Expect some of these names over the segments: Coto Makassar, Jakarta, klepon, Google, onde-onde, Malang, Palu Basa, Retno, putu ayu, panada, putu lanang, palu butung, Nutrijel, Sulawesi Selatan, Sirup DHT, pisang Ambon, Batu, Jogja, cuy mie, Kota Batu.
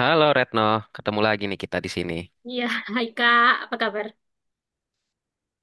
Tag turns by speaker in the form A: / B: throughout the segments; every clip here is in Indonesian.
A: Halo Retno, ketemu lagi nih kita di sini.
B: Iya, hai Kak, apa kabar?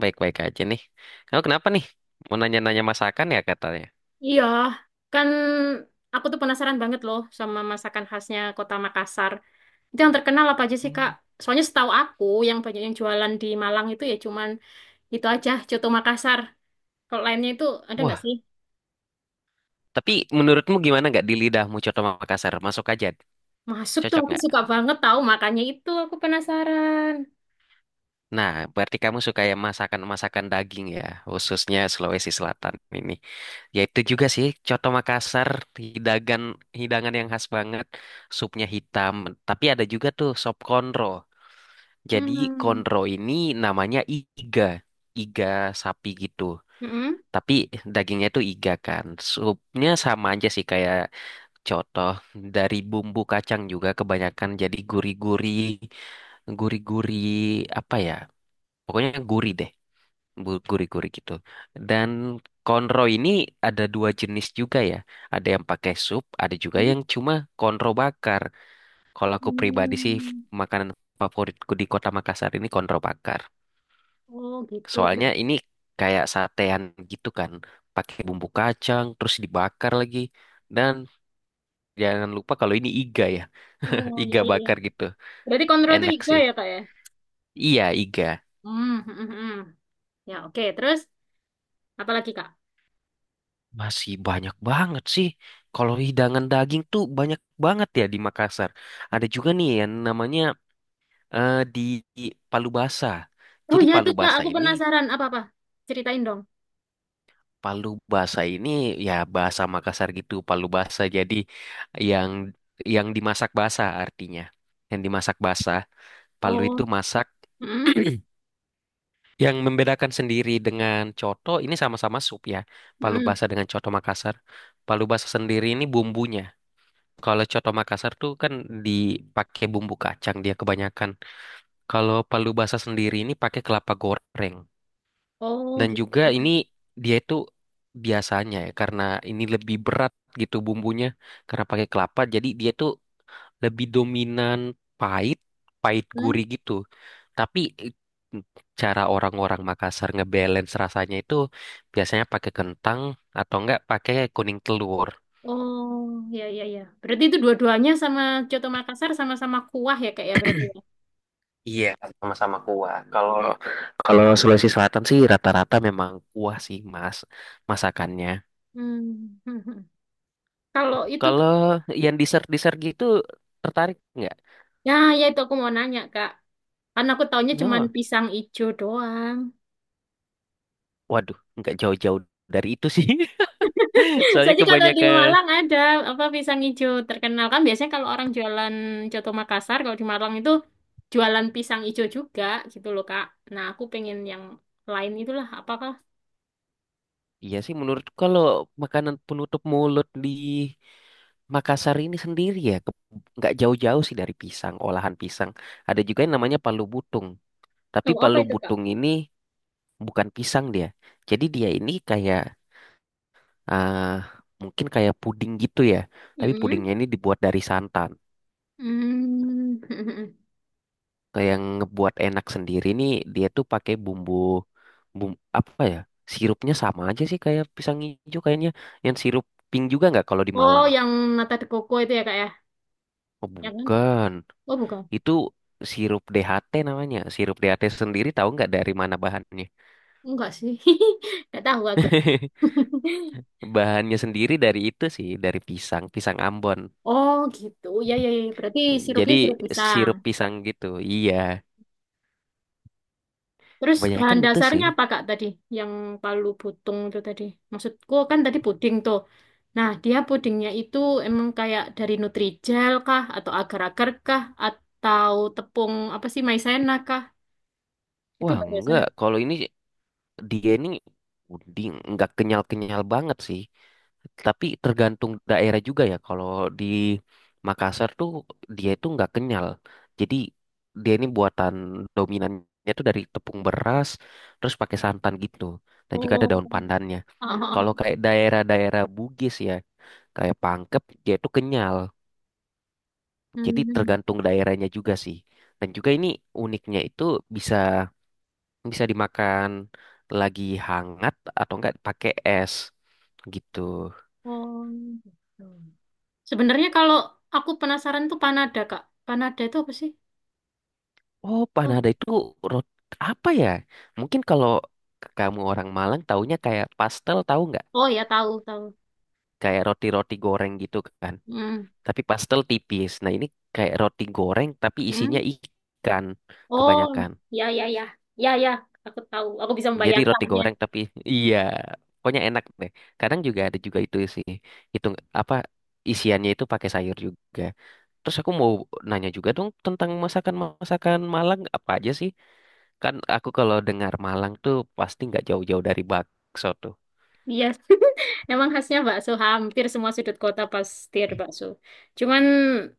A: Baik-baik aja nih. Kamu kenapa nih? Mau nanya-nanya masakan ya katanya.
B: Iya, kan aku tuh penasaran banget loh sama masakan khasnya Kota Makassar. Itu yang terkenal apa aja sih, Kak?
A: Hmm.
B: Soalnya setahu aku yang banyak yang jualan di Malang itu ya cuman itu aja, Coto Makassar. Kalau lainnya itu ada nggak
A: Wah,
B: sih?
A: tapi menurutmu gimana nggak di lidahmu Coto Makassar? Masuk aja,
B: Masuk tuh
A: cocok
B: aku
A: nggak?
B: suka banget tahu makanya itu aku penasaran.
A: Nah, berarti kamu suka yang masakan-masakan daging ya, khususnya Sulawesi Selatan ini. Ya itu juga sih, Coto Makassar, hidangan, hidangan yang khas banget. Supnya hitam, tapi ada juga tuh sop konro. Jadi
B: Hmm.
A: konro ini namanya iga sapi gitu.
B: Mm-mm.
A: Tapi dagingnya itu iga kan. Supnya sama aja sih kayak contoh dari bumbu kacang juga kebanyakan jadi gurih-gurih apa ya? Pokoknya gurih deh, gurih-gurih gitu. Dan konro ini ada dua jenis juga ya. Ada yang pakai sup, ada juga
B: Hmm.
A: yang cuma konro bakar. Kalau aku pribadi sih makanan favoritku di Kota Makassar ini konro bakar.
B: Oh, gitu.
A: Soalnya ini kayak satean gitu kan, pakai bumbu kacang terus dibakar lagi. Dan jangan lupa kalau ini iga ya,
B: Oh, iya
A: iga
B: iya iya.
A: bakar gitu.
B: Berarti kontrol itu
A: Enak
B: iga
A: sih.
B: ya, Kak ya?
A: Iya, iga.
B: Hmm, hmm, hmm, hmm. Ya, oke. Terus apalagi Kak?
A: Masih banyak banget sih. Kalau hidangan daging tuh banyak banget ya di Makassar. Ada juga nih yang namanya eh, di di Palu Basa.
B: Oh
A: Jadi
B: ya
A: Palu
B: itu Kak,
A: Basa
B: aku
A: ini
B: penasaran apa-apa. Ceritain dong.
A: Palu Basa ini ya bahasa Makassar gitu, Palu Basa. Jadi yang yang dimasak basa artinya. Yang dimasak basa, palu itu
B: Oh,
A: masak.
B: mm,
A: Yang membedakan sendiri dengan coto ini sama-sama sup ya. Palu
B: mm.
A: Basa dengan coto Makassar. Palu Basa sendiri ini bumbunya. Kalau coto Makassar tuh kan dipakai bumbu kacang dia kebanyakan. Kalau Palu Basa sendiri ini pakai kelapa goreng.
B: Oh
A: Dan
B: gitu.
A: juga ini dia itu biasanya ya karena ini lebih berat gitu bumbunya karena pakai kelapa jadi dia tuh lebih dominan pahit, pahit gurih
B: Mm.
A: gitu. Tapi eh, cara orang-orang Makassar ngebalance rasanya itu biasanya pakai kentang atau enggak pakai kuning telur.
B: Oh ya ya ya. Berarti itu dua-duanya sama Coto Makassar sama-sama kuah ya Kak ya berarti ya.
A: Iya, sama-sama kuah. Kalau kalau Sulawesi Selatan sih rata-rata memang kuah sih, Mas, masakannya.
B: Hmm. Kalau itu,
A: Kalau yang dessert-dessert gitu tertarik nggak?
B: ya ya itu aku mau nanya Kak. Karena aku taunya cuman
A: No.
B: pisang ijo doang.
A: Waduh, nggak jauh-jauh dari itu sih. Soalnya
B: Soalnya kalau di
A: kebanyakan,
B: Malang ada apa pisang hijau terkenal kan biasanya kalau orang jualan coto Makassar kalau di Malang itu jualan pisang hijau juga gitu loh Kak. Nah aku pengen yang lain itulah apakah?
A: iya sih menurut kalau makanan penutup mulut di Makassar ini sendiri ya, nggak jauh-jauh sih dari pisang, olahan pisang. Ada juga yang namanya palu butung. Tapi
B: Oh apa
A: palu
B: itu Kak?
A: butung ini bukan pisang dia. Jadi dia ini kayak, ah, mungkin kayak puding gitu ya. Tapi
B: Mm-mm.
A: pudingnya ini dibuat dari santan.
B: Mm.
A: Kayak yang ngebuat enak sendiri nih dia tuh pakai bumbu bumbu apa ya? Sirupnya sama aja sih kayak pisang hijau kayaknya. Yang sirup pink juga nggak kalau di
B: Oh
A: Malang?
B: yang nata de coco itu ya Kak ya?
A: Oh,
B: Ya kan?
A: bukan.
B: Oh bukan?
A: Itu sirup DHT namanya. Sirup DHT sendiri tahu nggak dari mana bahannya?
B: Enggak sih. Enggak tahu aku.
A: Bahannya sendiri dari itu sih, dari pisang Ambon.
B: Oh gitu. Ya ya ya berarti
A: Jadi
B: sirupnya sirup pisang.
A: sirup pisang gitu. Iya,
B: Terus bahan
A: kebanyakan itu
B: dasarnya
A: sih.
B: apa Kak tadi? Yang palu butung itu tadi. Maksudku kan tadi puding tuh. Nah, dia pudingnya itu emang kayak dari Nutrijel kah? Atau agar-agar kah? Atau tepung apa sih maizena kah? Itu
A: Wah,
B: bahan
A: enggak.
B: dasarnya.
A: Kalau ini dia ini puding nggak kenyal-kenyal banget sih, tapi tergantung daerah juga ya. Kalau di Makassar tuh dia itu nggak kenyal, jadi dia ini buatan dominannya tuh dari tepung beras terus pakai santan gitu, dan juga ada
B: Oh. Oh.
A: daun pandannya.
B: Oh,
A: Kalau
B: oh.
A: kayak daerah-daerah Bugis ya kayak Pangkep dia itu kenyal, jadi
B: Hmm.
A: tergantung daerahnya juga sih. Dan juga ini uniknya itu bisa bisa dimakan lagi hangat atau enggak pakai es gitu.
B: Oh, gitu. Sebenarnya kalau aku penasaran tuh panada Kak. Panada itu apa sih?
A: Oh,
B: Tahu?
A: panada itu roti apa ya? Mungkin kalau kamu orang Malang taunya kayak pastel tahu nggak?
B: Oh ya tahu tahu.
A: Kayak roti-roti goreng gitu kan.
B: Hmm.
A: Tapi pastel tipis. Nah, ini kayak roti goreng tapi isinya
B: Hmm.
A: ikan
B: Oh,
A: kebanyakan.
B: ya ya ya. Ya ya, aku tahu. Aku bisa
A: Jadi roti
B: membayangkannya.
A: goreng tapi iya, pokoknya enak deh. Kadang juga ada juga itu sih. Itu apa isiannya itu pakai sayur juga. Terus aku mau nanya juga dong tentang masakan-masakan Malang apa aja sih? Kan aku kalau dengar Malang tuh pasti nggak jauh-jauh dari bakso tuh.
B: Iya, emang khasnya bakso hampir semua sudut kota pasti ada bakso. Cuman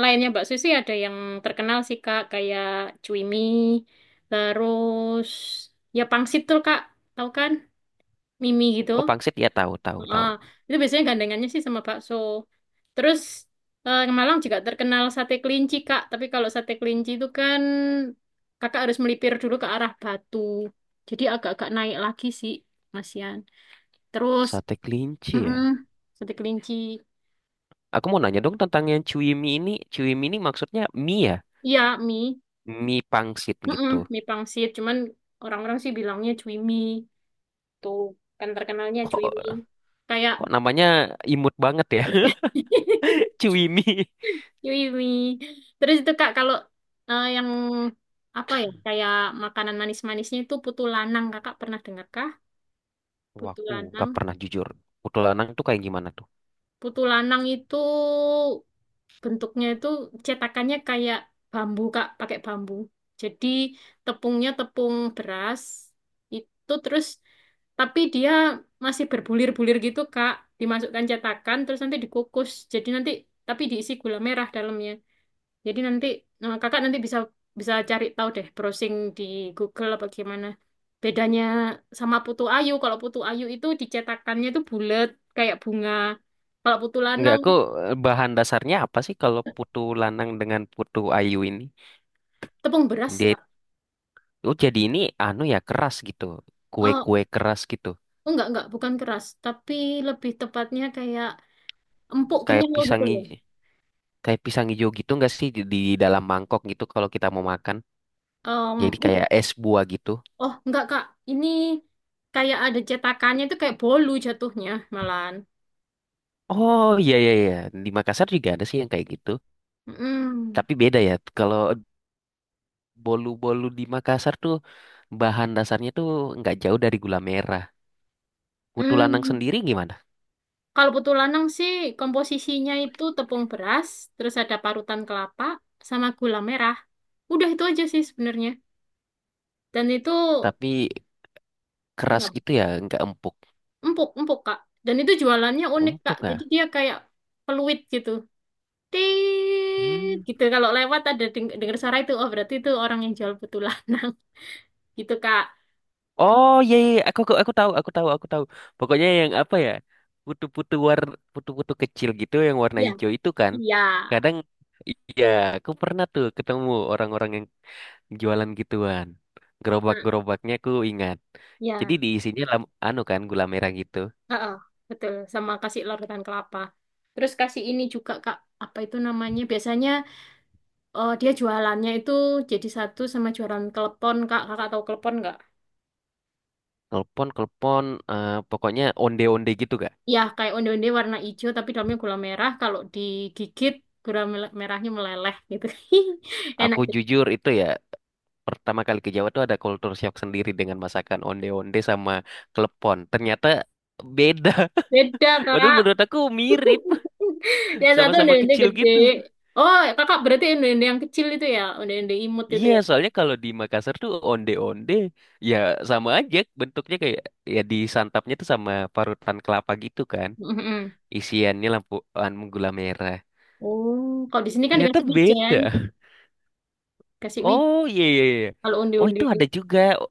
B: lainnya bakso sih ada yang terkenal sih Kak, kayak cuimi, terus ya pangsit tuh Kak, tahu kan? Mimi gitu.
A: Oh, pangsit ya tahu, tahu,
B: Ah
A: tahu.
B: itu biasanya gandengannya sih sama bakso. Terus Malang juga terkenal sate kelinci Kak, tapi kalau sate kelinci itu kan Kakak harus melipir dulu ke arah Batu. Jadi agak-agak naik lagi sih, Mas Yan. Terus.
A: Sate kelinci ya.
B: Mm-mm. Sate kelinci.
A: Aku mau nanya dong tentang yang cuy mie ini. Cuy mie ini maksudnya mie ya?
B: Iya, mie.
A: Mie pangsit
B: Mm-mm.
A: gitu.
B: Mie pangsit. Cuman orang-orang sih bilangnya cui mie. Tuh, kan terkenalnya cui mie.
A: Kok,
B: Kayak
A: kok, namanya imut banget ya? Cuy mie.
B: cui mie. Terus itu Kak, kalau yang apa ya, kayak makanan manis-manisnya itu putu lanang. Kakak pernah dengar kah?
A: Wah,
B: Putu
A: aku gak
B: lanang.
A: pernah jujur. Putu lanang tuh kayak gimana tuh?
B: Putu lanang itu bentuknya itu cetakannya kayak bambu Kak, pakai bambu. Jadi tepungnya tepung beras itu terus tapi dia masih berbulir-bulir gitu Kak, dimasukkan cetakan terus nanti dikukus. Jadi nanti tapi diisi gula merah dalamnya. Jadi nanti Kakak nanti bisa bisa cari tahu deh browsing di Google apa gimana. Bedanya sama putu ayu, kalau putu ayu itu dicetakannya itu bulat kayak bunga. Kalau putu
A: Nggak,
B: lanang
A: bahan dasarnya apa sih kalau putu lanang dengan putu ayu ini?
B: tepung beras,
A: Dia,
B: Kak.
A: oh jadi ini anu ya keras gitu.
B: Oh,
A: Kue-kue keras gitu.
B: oh, enggak, bukan keras, tapi lebih tepatnya kayak empuk
A: Kayak
B: kenyal gitu
A: pisang
B: loh.
A: hijau, kayak pisang hijau gitu nggak sih di dalam mangkok gitu kalau kita mau makan. Jadi
B: Enggak.
A: kayak es buah gitu.
B: Oh, enggak, Kak. Ini kayak ada cetakannya itu kayak bolu jatuhnya malahan.
A: Oh, iya, iya, iya. Di Makassar juga ada sih yang kayak gitu.
B: Mm.
A: Tapi beda ya. Kalau bolu-bolu di Makassar tuh bahan dasarnya tuh nggak jauh dari gula merah. Putu lanang
B: Mm.
A: sendiri gimana?
B: Kalau putu lanang sih komposisinya itu tepung beras, terus ada parutan kelapa sama gula merah. Udah itu aja sih sebenarnya. Dan itu
A: Tapi keras
B: apa,
A: gitu ya, nggak empuk.
B: empuk, empuk, Kak. Dan itu jualannya unik, Kak.
A: Empuk
B: Jadi
A: ya?
B: dia kayak peluit gitu. Tit,
A: Hmm.
B: gitu kalau lewat ada dengar suara itu oh berarti itu orang yang jual putu lanang gitu Kak.
A: Oh, iya, iya, iya. Aku tahu, aku tahu, aku tahu. Pokoknya yang apa ya? Putu-putu war, putu-putu kecil gitu yang warna
B: Iya.
A: hijau itu kan.
B: Iya.
A: Kadang iya, aku pernah tuh ketemu orang-orang yang jualan gituan.
B: Nah,
A: Gerobak-gerobaknya aku ingat. Jadi
B: iya.
A: diisinya anu kan gula merah gitu.
B: Heeh, betul sama kasih lor ketan kelapa terus kasih ini juga Kak apa itu namanya biasanya dia jualannya itu jadi satu sama jualan klepon Kak. Kakak tahu klepon nggak?
A: Kelpon, pokoknya onde-onde gitu gak?
B: Ya kayak onde-onde warna hijau tapi dalamnya gula merah kalau digigit gula merahnya meleleh gitu enak
A: Aku
B: juga.
A: jujur itu ya pertama kali ke Jawa tuh ada culture shock sendiri dengan masakan onde-onde sama klepon. Ternyata beda.
B: Beda
A: Padahal
B: Kak.
A: menurut aku mirip,
B: Yang satu
A: sama-sama
B: onde-onde
A: kecil
B: gede.
A: gitu.
B: Oh, kakak berarti onde-onde yang kecil itu ya, onde-onde imut itu
A: Iya,
B: ya.
A: soalnya kalau di Makassar tuh onde-onde ya sama aja bentuknya kayak ya disantapnya tuh sama parutan kelapa gitu kan.
B: Mm-mm.
A: Isiannya lampu anu gula merah.
B: Oh, kalau di sini kan
A: Ternyata
B: dikasih wijen,
A: beda.
B: kasih wijen.
A: Oh, iya, iya, iya.
B: Kalau
A: Oh,
B: onde-onde,
A: itu ada juga.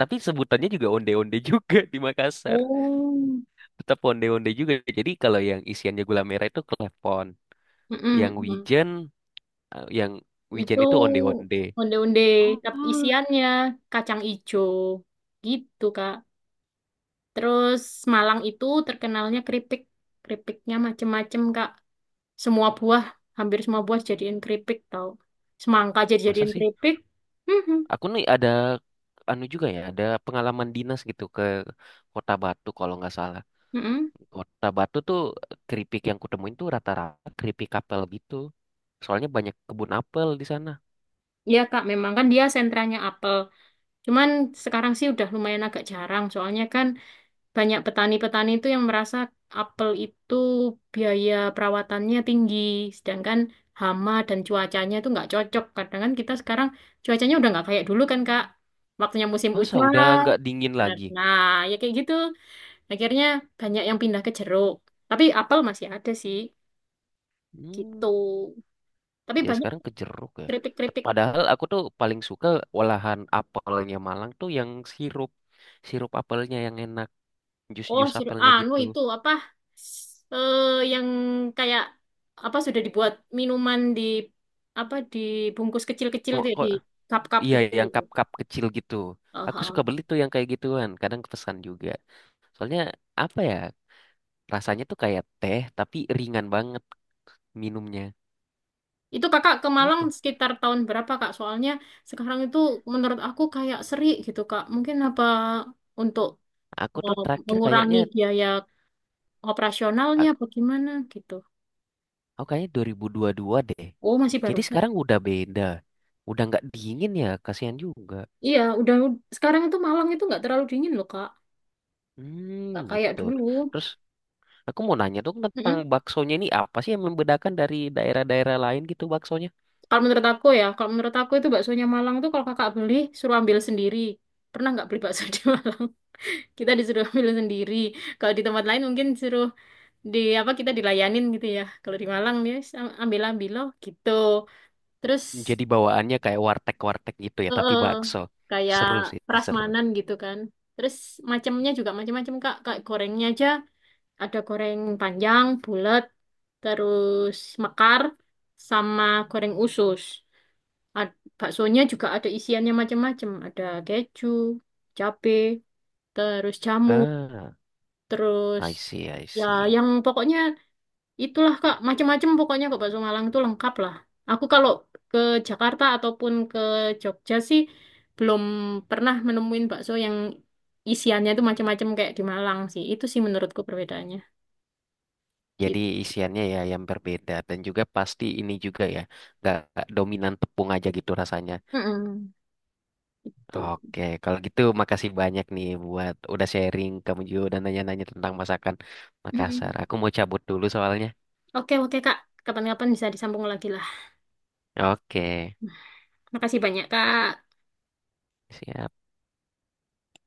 A: Tapi sebutannya juga onde-onde juga di Makassar.
B: oh,
A: Tetap onde-onde juga. Jadi kalau yang isiannya gula merah itu klepon, yang
B: mm-mm, mm.
A: wijen, yang wijen
B: Itu
A: itu onde-onde.
B: onde-onde
A: Oh,
B: tapi isiannya kacang ijo, gitu Kak. Terus Malang itu terkenalnya keripik, keripiknya macem-macem Kak. Semua buah, hampir semua buah jadiin keripik tau. Semangka jadi
A: masa
B: jadiin
A: sih?
B: keripik.
A: Aku nih ada anu juga ya, ada pengalaman dinas gitu ke Kota Batu kalau nggak salah.
B: Mm-mm.
A: Kota Batu tuh keripik yang kutemuin tuh rata-rata keripik apel gitu. Soalnya banyak kebun apel di sana.
B: Iya Kak, memang kan dia sentranya apel. Cuman sekarang sih udah lumayan agak jarang, soalnya kan banyak petani-petani itu yang merasa apel itu biaya perawatannya tinggi, sedangkan hama dan cuacanya itu nggak cocok. Kadang kan kita sekarang cuacanya udah nggak kayak dulu kan Kak, waktunya musim
A: Masa udah
B: hujan.
A: nggak dingin lagi?
B: Nah, ya kayak gitu. Akhirnya banyak yang pindah ke jeruk. Tapi apel masih ada sih,
A: Hmm.
B: gitu. Tapi
A: Ya
B: banyak
A: sekarang ke jeruk ya.
B: kritik-kritik.
A: Padahal aku tuh paling suka olahan apelnya Malang tuh yang sirup. Sirup apelnya yang enak.
B: Oh,
A: Jus-jus
B: sudah
A: apelnya
B: anu
A: gitu.
B: itu apa eh yang kayak apa sudah dibuat minuman di apa dibungkus kecil-kecil
A: Mau
B: itu ya,
A: kok
B: di cup-cup
A: iya
B: kecil
A: yang
B: itu.
A: cup-cup kecil gitu.
B: Oh,
A: Aku suka
B: oh.
A: beli tuh yang kayak gituan. Kadang pesan juga. Soalnya apa ya? Rasanya tuh kayak teh tapi ringan banget minumnya.
B: Itu Kakak ke Malang
A: Oke.
B: sekitar tahun berapa Kak? Soalnya sekarang itu menurut aku kayak seri gitu Kak. Mungkin apa untuk
A: Aku
B: eh,
A: tuh terakhir
B: mengurangi
A: kayaknya
B: biaya operasionalnya
A: a-
B: apa gimana gitu.
A: aku kayaknya 2022 deh.
B: Oh, masih
A: Jadi
B: barusan.
A: sekarang udah beda. Udah nggak dingin ya, kasihan juga.
B: Iya, udah sekarang itu Malang itu nggak terlalu dingin loh Kak.
A: Hmm,
B: Nggak kayak
A: gitu.
B: dulu.
A: Terus aku mau nanya dong tentang baksonya ini apa sih yang membedakan dari daerah-daerah lain gitu baksonya?
B: Kalau menurut aku ya, kalau menurut aku itu baksonya Malang tuh kalau kakak beli suruh ambil sendiri. Pernah nggak beli bakso di Malang? Kita disuruh ambil sendiri. Kalau di tempat lain mungkin suruh di apa kita dilayanin gitu ya. Kalau di Malang ya ambil ambil loh gitu. Terus
A: Jadi bawaannya kayak warteg-warteg gitu ya,
B: eh,
A: tapi
B: eh,
A: bakso.
B: kayak
A: Seru sih, seru.
B: prasmanan gitu kan. Terus macamnya juga macam-macam Kak. Kayak gorengnya aja ada goreng panjang, bulat, terus mekar sama goreng usus. Baksonya juga ada isiannya macam-macam. Ada keju, cabe, terus jamur,
A: Ah,
B: terus
A: I see, I
B: ya
A: see.
B: yang pokoknya itulah Kak, macam-macam pokoknya kok bakso Malang itu lengkap lah. Aku kalau ke Jakarta ataupun ke Jogja sih belum pernah menemuin bakso yang isiannya itu macam-macam kayak di Malang sih. Itu sih menurutku perbedaannya.
A: Jadi
B: Gitu.
A: isiannya ya yang berbeda dan juga pasti ini juga ya, nggak dominan tepung aja gitu rasanya.
B: Mm-mm. Gitu.
A: Oke, kalau gitu makasih banyak nih buat udah sharing kamu juga udah nanya-nanya tentang masakan Makassar.
B: Mm-mm.
A: Aku mau cabut dulu soalnya.
B: Oke, oke Kak. Kapan-kapan bisa disambung lagi lah.
A: Oke,
B: Makasih banyak, Kak.
A: siap.